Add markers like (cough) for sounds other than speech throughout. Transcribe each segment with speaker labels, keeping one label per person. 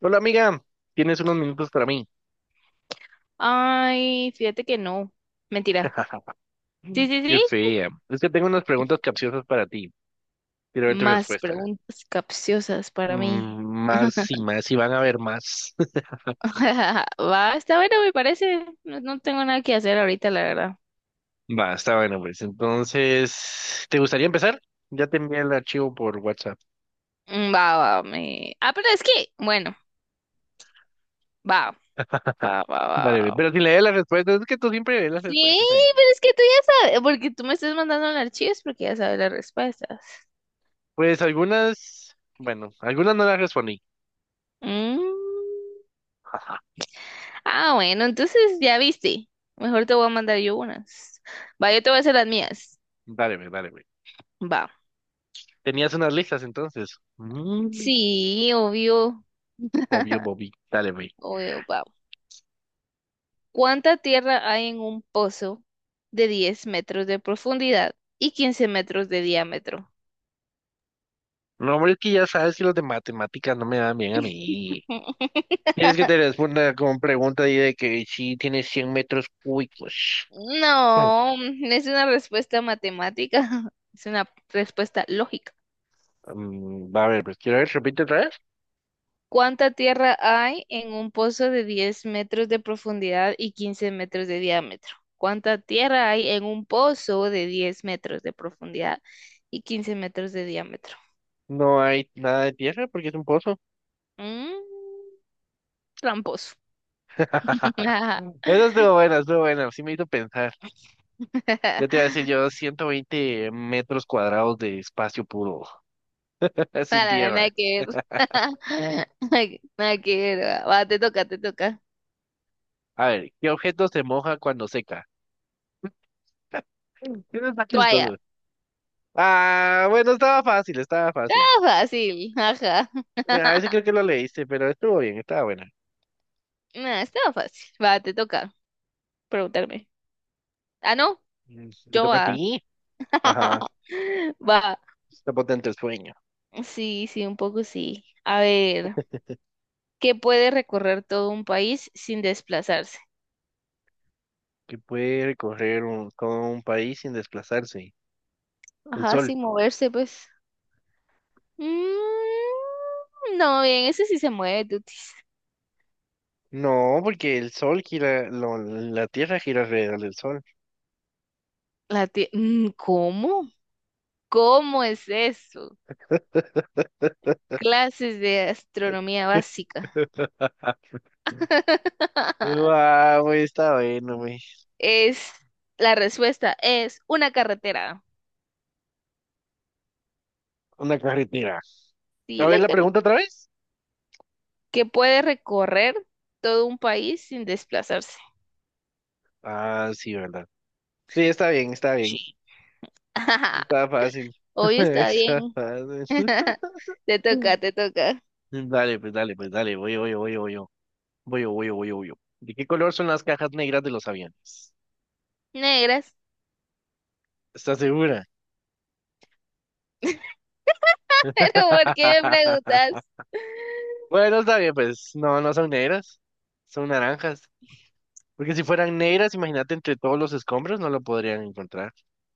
Speaker 1: Hola amiga, tienes unos minutos para mí.
Speaker 2: Ay, fíjate que no. Mentira.
Speaker 1: (laughs)
Speaker 2: Sí, sí,
Speaker 1: Yo
Speaker 2: sí.
Speaker 1: sé, es que tengo unas preguntas capciosas para ti. Quiero ver tu
Speaker 2: Más
Speaker 1: respuesta.
Speaker 2: preguntas capciosas para mí.
Speaker 1: Más
Speaker 2: (laughs)
Speaker 1: y más y van a haber más.
Speaker 2: Va, está bueno, me parece. No, no tengo nada que hacer ahorita, la verdad.
Speaker 1: (laughs) Va, está bueno, pues. Entonces, ¿te gustaría empezar? Ya te envié el archivo por WhatsApp.
Speaker 2: Va, va, me. Ah, pero es que, bueno, va, va, va, va,
Speaker 1: Dale, ve,
Speaker 2: va.
Speaker 1: pero si lees las respuestas, es que tú siempre lees las
Speaker 2: Sí,
Speaker 1: respuestas ahí.
Speaker 2: pero es que tú ya sabes, porque tú me estás mandando los archivos porque ya sabes las respuestas.
Speaker 1: Pues algunas, bueno, algunas no las respondí.
Speaker 2: Mm.
Speaker 1: (laughs)
Speaker 2: Ah, bueno, entonces ya viste. Mejor te voy a mandar yo unas. Va, yo te voy a hacer las mías.
Speaker 1: Dale, ve, dale, ve.
Speaker 2: Va.
Speaker 1: Tenías unas listas entonces.
Speaker 2: Sí, obvio,
Speaker 1: Obvio, Bobby. Dale, ve.
Speaker 2: obvio, wow. ¿Cuánta tierra hay en un pozo de 10 metros de profundidad y 15 metros de diámetro?
Speaker 1: No, hombre, es que ya sabes que los de matemáticas no me dan bien a mí.
Speaker 2: (laughs)
Speaker 1: Tienes que te responda con pregunta ahí de que si tienes 100 metros cúbicos. Mm,
Speaker 2: No, es una respuesta matemática, (laughs) es una respuesta lógica.
Speaker 1: va a ver, pues quiero ver, si repite otra vez.
Speaker 2: ¿Cuánta tierra hay en un pozo de 10 metros de profundidad y 15 metros de diámetro? ¿Cuánta tierra hay en un pozo de 10 metros de profundidad y 15 metros de diámetro?
Speaker 1: No hay nada de tierra porque es un pozo.
Speaker 2: Mm, tramposo. (laughs)
Speaker 1: (laughs)
Speaker 2: Nada,
Speaker 1: Eso estuvo bueno, sí me hizo pensar. Yo te iba a decir yo 120 metros cuadrados de espacio puro, (laughs) sin tierra.
Speaker 2: nada que ver. (laughs) Nada que ver. Va, te toca, te toca.
Speaker 1: A ver, ¿qué objeto se moja cuando seca? Eso está
Speaker 2: Toalla.
Speaker 1: chistoso. Ah, bueno, estaba fácil, estaba fácil.
Speaker 2: Ah, fácil. Ajá.
Speaker 1: A
Speaker 2: (laughs)
Speaker 1: ese creo que lo leíste, pero estuvo bien, estaba buena.
Speaker 2: Nah, estaba fácil. Va, te toca preguntarme. Ah, no,
Speaker 1: Te
Speaker 2: yo
Speaker 1: toca a
Speaker 2: va.
Speaker 1: ti. Ajá.
Speaker 2: (laughs) Va.
Speaker 1: Está potente el sueño.
Speaker 2: Sí, sí, un poco sí. A ver, ¿qué puede recorrer todo un país sin desplazarse?
Speaker 1: Que puede recorrer todo un país sin desplazarse. El
Speaker 2: Ajá,
Speaker 1: sol.
Speaker 2: sin moverse, pues. No, bien, ese sí se mueve, tutis.
Speaker 1: No, porque el sol gira, la tierra gira alrededor del sol.
Speaker 2: ¿Cómo? ¿Cómo es eso? Clases de astronomía
Speaker 1: (laughs)
Speaker 2: básica. (laughs)
Speaker 1: Wow, güey, está bueno, güey.
Speaker 2: Es, la respuesta es una carretera.
Speaker 1: Una carretera.
Speaker 2: Sí.
Speaker 1: A ver
Speaker 2: la
Speaker 1: la
Speaker 2: carre-
Speaker 1: pregunta otra vez.
Speaker 2: que puede recorrer todo un país sin desplazarse.
Speaker 1: Ah, sí, verdad. Sí, está bien, está bien.
Speaker 2: Sí. (laughs)
Speaker 1: Está fácil. (laughs)
Speaker 2: Hoy está
Speaker 1: Está
Speaker 2: bien.
Speaker 1: fácil.
Speaker 2: (laughs) Te toca,
Speaker 1: (laughs)
Speaker 2: te toca.
Speaker 1: Dale, pues, dale, pues, dale, voy, voy, voy. Voy yo, voy yo, voy yo, voy yo. ¿De qué color son las cajas negras de los aviones?
Speaker 2: Negras.
Speaker 1: ¿Estás segura?
Speaker 2: (laughs) Pero ¿por qué me preguntas?
Speaker 1: (laughs)
Speaker 2: (laughs)
Speaker 1: Bueno, está bien, pues no, no son negras, son naranjas. Porque si fueran negras, imagínate entre todos los escombros no lo podrían encontrar.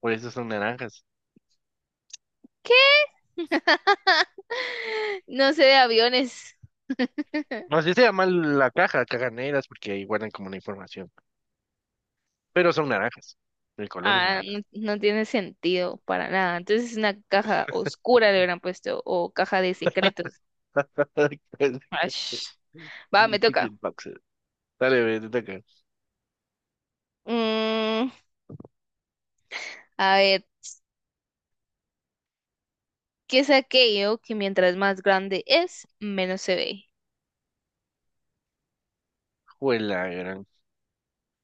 Speaker 1: Por eso son naranjas.
Speaker 2: ¿Qué? (laughs) No sé de aviones. (laughs)
Speaker 1: No sé si se llama la caja, cajas negras, porque ahí guardan como la información. Pero son naranjas. El color es
Speaker 2: Ah,
Speaker 1: naranja.
Speaker 2: no, no tiene sentido para nada. Entonces es una caja oscura, le hubieran puesto, o caja de secretos.
Speaker 1: (laughs) The
Speaker 2: Ash. Va, me toca.
Speaker 1: Secret boxes. Dale, ve, te toca.
Speaker 2: Mm, a ver, ¿qué es aquello que mientras más grande es, menos se ve?
Speaker 1: Juela, gran.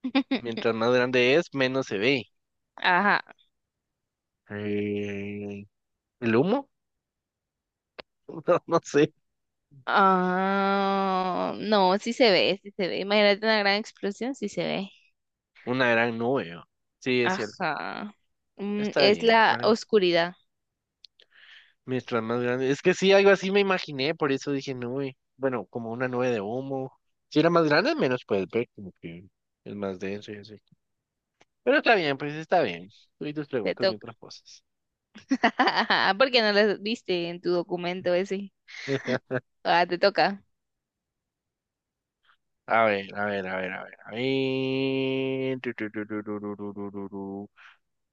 Speaker 2: (laughs)
Speaker 1: Mientras más grande es, menos se ve.
Speaker 2: Ajá.
Speaker 1: Eh, ¿El humo? (laughs) No, no sé.
Speaker 2: Ah, no, sí se ve, sí se ve. Imagínate una gran explosión, sí se ve.
Speaker 1: Una gran nube, ¿no? Sí, es cierto.
Speaker 2: Ajá. Mm,
Speaker 1: Está
Speaker 2: es
Speaker 1: bien.
Speaker 2: la
Speaker 1: ¿Cuál?
Speaker 2: oscuridad.
Speaker 1: Mientras más grande. Es que sí, algo así me imaginé, por eso dije nube. Bueno, como una nube de humo. Si era más grande, menos puedes ver, como que es más denso y así. Pero está bien, pues está bien. Tú y tus
Speaker 2: Te
Speaker 1: preguntas
Speaker 2: toca.
Speaker 1: mientras posas.
Speaker 2: (laughs) ¿Por qué no la viste en tu documento ese?
Speaker 1: (laughs)
Speaker 2: Ah, te toca.
Speaker 1: A ver, a ver, a ver, a ver, a ver. Tu, tu, tu, tu, tu, tu, tu, tu, tu, tu.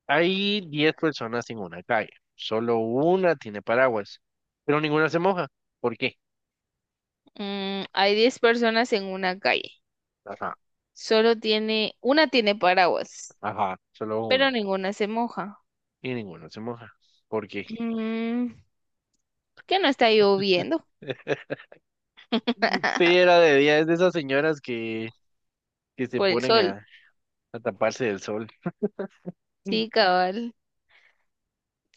Speaker 1: Hay 10 personas en una calle. Solo una tiene paraguas, pero ninguna se moja. ¿Por qué?
Speaker 2: Hay 10 personas en una calle.
Speaker 1: Ajá.
Speaker 2: Una tiene paraguas,
Speaker 1: Ajá, solo
Speaker 2: pero
Speaker 1: una.
Speaker 2: ninguna se moja.
Speaker 1: Y ninguna se moja. ¿Por qué?
Speaker 2: Mm, ¿Por qué no está lloviendo?
Speaker 1: (laughs) Sí,
Speaker 2: (laughs)
Speaker 1: era de día. Es de esas señoras que se
Speaker 2: Por el
Speaker 1: ponen
Speaker 2: sol.
Speaker 1: a taparse del sol.
Speaker 2: Sí,
Speaker 1: (laughs)
Speaker 2: cabal.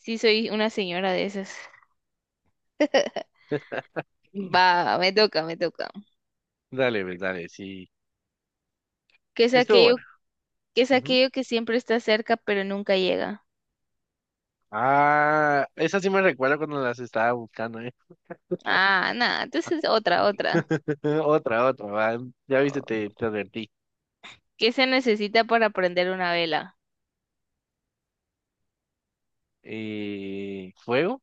Speaker 2: Sí, soy una señora de esas. (laughs) Va, me toca, me toca.
Speaker 1: Dale, pues, dale, sí.
Speaker 2: ¿Qué es
Speaker 1: Estuvo buena.
Speaker 2: aquello, qué es
Speaker 1: Ujú.
Speaker 2: aquello que siempre está cerca pero nunca llega?
Speaker 1: Ah, esa sí me recuerda cuando las estaba buscando, ¿eh?
Speaker 2: Ah, nada, entonces otra, otra.
Speaker 1: (laughs) Otra, otra, va. Ya viste, te advertí.
Speaker 2: ¿Qué se necesita para prender una vela?
Speaker 1: ¿Fuego?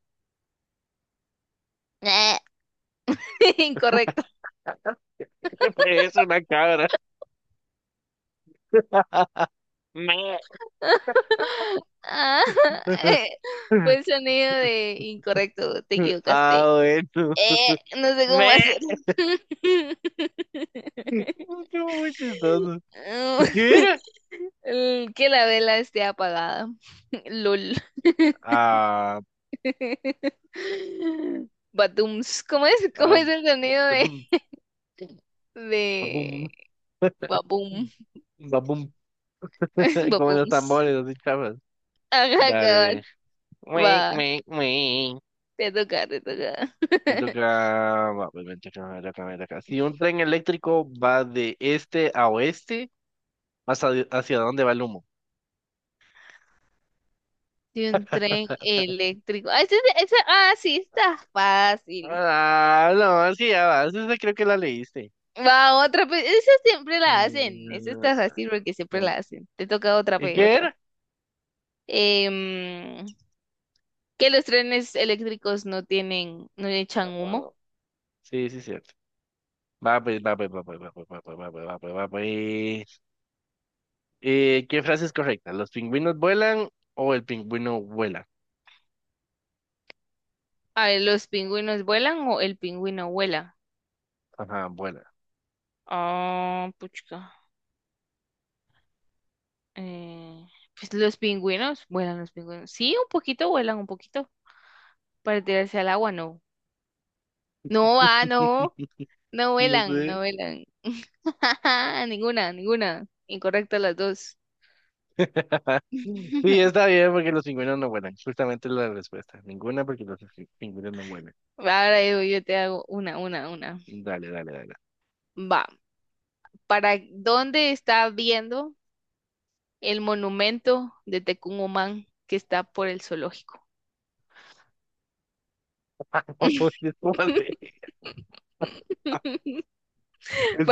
Speaker 2: (laughs) Incorrecto.
Speaker 1: (laughs) Pues es una cabra. (laughs) Me.
Speaker 2: (laughs) Ah,
Speaker 1: (laughs)
Speaker 2: eh, fue el sonido de incorrecto, te equivocaste.
Speaker 1: Ah, bueno.
Speaker 2: No sé cómo hacerlo.
Speaker 1: Me. (laughs) Estuvo muy chistoso. ¿Qué era?
Speaker 2: (laughs) El Que la vela esté apagada. (laughs) LOL.
Speaker 1: Ah,
Speaker 2: (laughs) Batums. ¿Cómo es? ¿Cómo
Speaker 1: ah,
Speaker 2: es el sonido de,
Speaker 1: badum,
Speaker 2: de...
Speaker 1: babum,
Speaker 2: Babum?
Speaker 1: babum,
Speaker 2: (laughs)
Speaker 1: (laughs) como los
Speaker 2: Babums.
Speaker 1: tambores, así chavas.
Speaker 2: Ajá,
Speaker 1: Dale, ve.
Speaker 2: cabal.
Speaker 1: Ué,
Speaker 2: Va,
Speaker 1: ué, ué.
Speaker 2: te toca, te toca.
Speaker 1: Me
Speaker 2: (laughs)
Speaker 1: toca, va, pues, me toca, me toca, me toca. Si un tren eléctrico va de este a oeste, hacia dónde va el humo?
Speaker 2: De un tren
Speaker 1: (laughs)
Speaker 2: eléctrico. Ah, sí, está fácil.
Speaker 1: Ah, no, sí, ya vas. Esa creo que la leíste.
Speaker 2: Va, otra, pues, esa siempre la hacen. Esa
Speaker 1: Mm,
Speaker 2: está fácil porque siempre la hacen. Te toca otra,
Speaker 1: ¿Y
Speaker 2: pues,
Speaker 1: qué
Speaker 2: otra.
Speaker 1: era?
Speaker 2: Em, que los trenes eléctricos no tienen, no echan humo.
Speaker 1: Ah, Sí, sí, sí. Va pues, va pues, va pues, va pues, va pues, va pues, va pues, va pues. ¿Qué frase es correcta? ¿Los pingüinos vuelan o el pingüino vuela?
Speaker 2: A ver, ¿los pingüinos vuelan o el pingüino vuela?
Speaker 1: Ajá, vuela.
Speaker 2: Ah, puchca. Eh, pues los pingüinos, vuelan los pingüinos. Sí, un poquito vuelan, un poquito. Para tirarse al agua, no.
Speaker 1: (laughs)
Speaker 2: No va, no. No
Speaker 1: No
Speaker 2: vuelan, no
Speaker 1: sé.
Speaker 2: vuelan. (laughs) Ninguna, ninguna. Incorrecta las dos.
Speaker 1: (laughs) Sí,
Speaker 2: (laughs)
Speaker 1: está bien porque los pingüinos no vuelan. Justamente la respuesta. Ninguna porque los pingüinos no vuelan.
Speaker 2: Ahora yo, yo te hago una, una.
Speaker 1: Dale, dale, dale.
Speaker 2: Va, ¿para dónde está viendo el monumento de Tecumumán que está por el zoológico?
Speaker 1: (laughs)
Speaker 2: (laughs)
Speaker 1: Después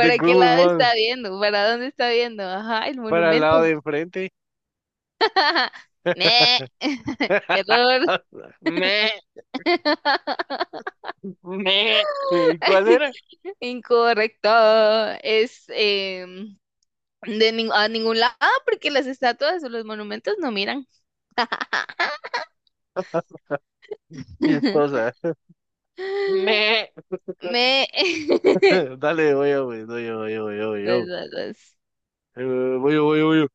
Speaker 1: de
Speaker 2: qué
Speaker 1: Google
Speaker 2: lado
Speaker 1: Maps
Speaker 2: está viendo? ¿Para dónde está viendo? Ajá, el
Speaker 1: para el
Speaker 2: monumento.
Speaker 1: lado de enfrente.
Speaker 2: (laughs) Ne.
Speaker 1: (laughs)
Speaker 2: (laughs) Error.
Speaker 1: Me,
Speaker 2: (laughs)
Speaker 1: me. ¿Y ¿cuál era?
Speaker 2: Incorrecto. Es a ningún lado, porque las estatuas o los monumentos no miran. (laughs)
Speaker 1: Esposa. Me.
Speaker 2: Me...
Speaker 1: (laughs)
Speaker 2: (laughs)
Speaker 1: Dale, voy yo, güey, voy yo, voy yo, voy yo, voy yo.
Speaker 2: Las-
Speaker 1: Voy yo, voy yo, voy yo.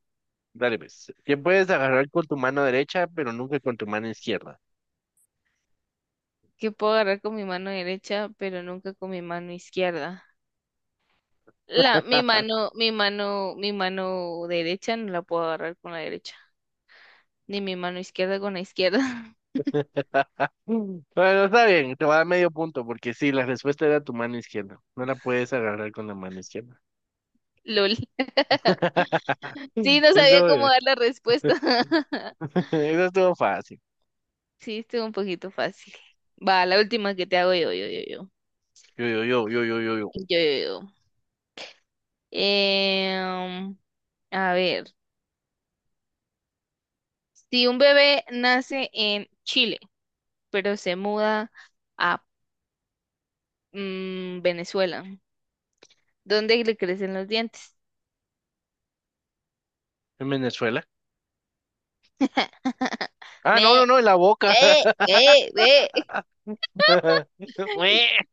Speaker 1: Dale, pues. ¿Qué puedes agarrar con tu mano derecha, pero nunca con tu mano izquierda?
Speaker 2: Que puedo agarrar con mi mano derecha, pero nunca con mi mano izquierda. La, mi mano, mi mano, mi mano derecha no la puedo agarrar con la derecha, ni mi mano izquierda con la izquierda. (laughs)
Speaker 1: (laughs) Bueno, está bien, te va a dar medio punto, porque sí, la respuesta era tu mano izquierda. No la puedes agarrar con la mano izquierda.
Speaker 2: LOL. (laughs)
Speaker 1: (laughs)
Speaker 2: Sí, no sabía
Speaker 1: Eso,
Speaker 2: cómo dar la respuesta. (laughs)
Speaker 1: (laughs) eso estuvo fácil.
Speaker 2: Sí, estuvo un poquito fácil. Va, la última que te hago yo, yo, yo, yo.
Speaker 1: Yo, yo, yo, yo, yo, yo, yo.
Speaker 2: Yo, yo, yo. Em, A ver, si un bebé nace en Chile, pero se muda a Venezuela, ¿dónde le crecen los dientes?
Speaker 1: ¿En Venezuela?
Speaker 2: (laughs)
Speaker 1: Ah, no, no,
Speaker 2: Me,
Speaker 1: no, en la boca.
Speaker 2: ve, ve, ve.
Speaker 1: (laughs) Ué.
Speaker 2: (laughs)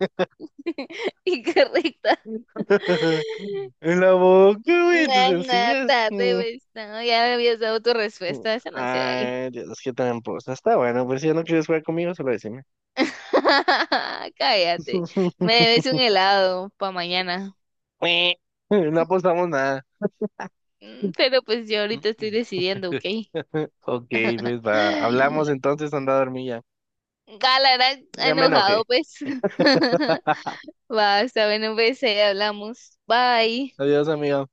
Speaker 2: Incorrecta.
Speaker 1: (laughs) En la boca, güey, en tus
Speaker 2: Una (laughs)
Speaker 1: sencillas.
Speaker 2: tarde, pues, no, ya me habías dado tu respuesta, esa no se vale.
Speaker 1: Ay, Dios, qué tramposa. Está bueno, pues si ya no quieres jugar conmigo, solo decime.
Speaker 2: (laughs) Cállate, me
Speaker 1: (laughs)
Speaker 2: debes un helado para mañana.
Speaker 1: No apostamos nada.
Speaker 2: Pero pues yo ahorita estoy
Speaker 1: (laughs)
Speaker 2: decidiendo, ¿ok?
Speaker 1: Ok, pues va. Hablamos
Speaker 2: (laughs)
Speaker 1: entonces, anda a dormir ya.
Speaker 2: Gala era
Speaker 1: Ya me
Speaker 2: enojado,
Speaker 1: enojé.
Speaker 2: pues. (laughs) Va, está bueno, pues, hablamos. Bye.
Speaker 1: Adiós, amigo.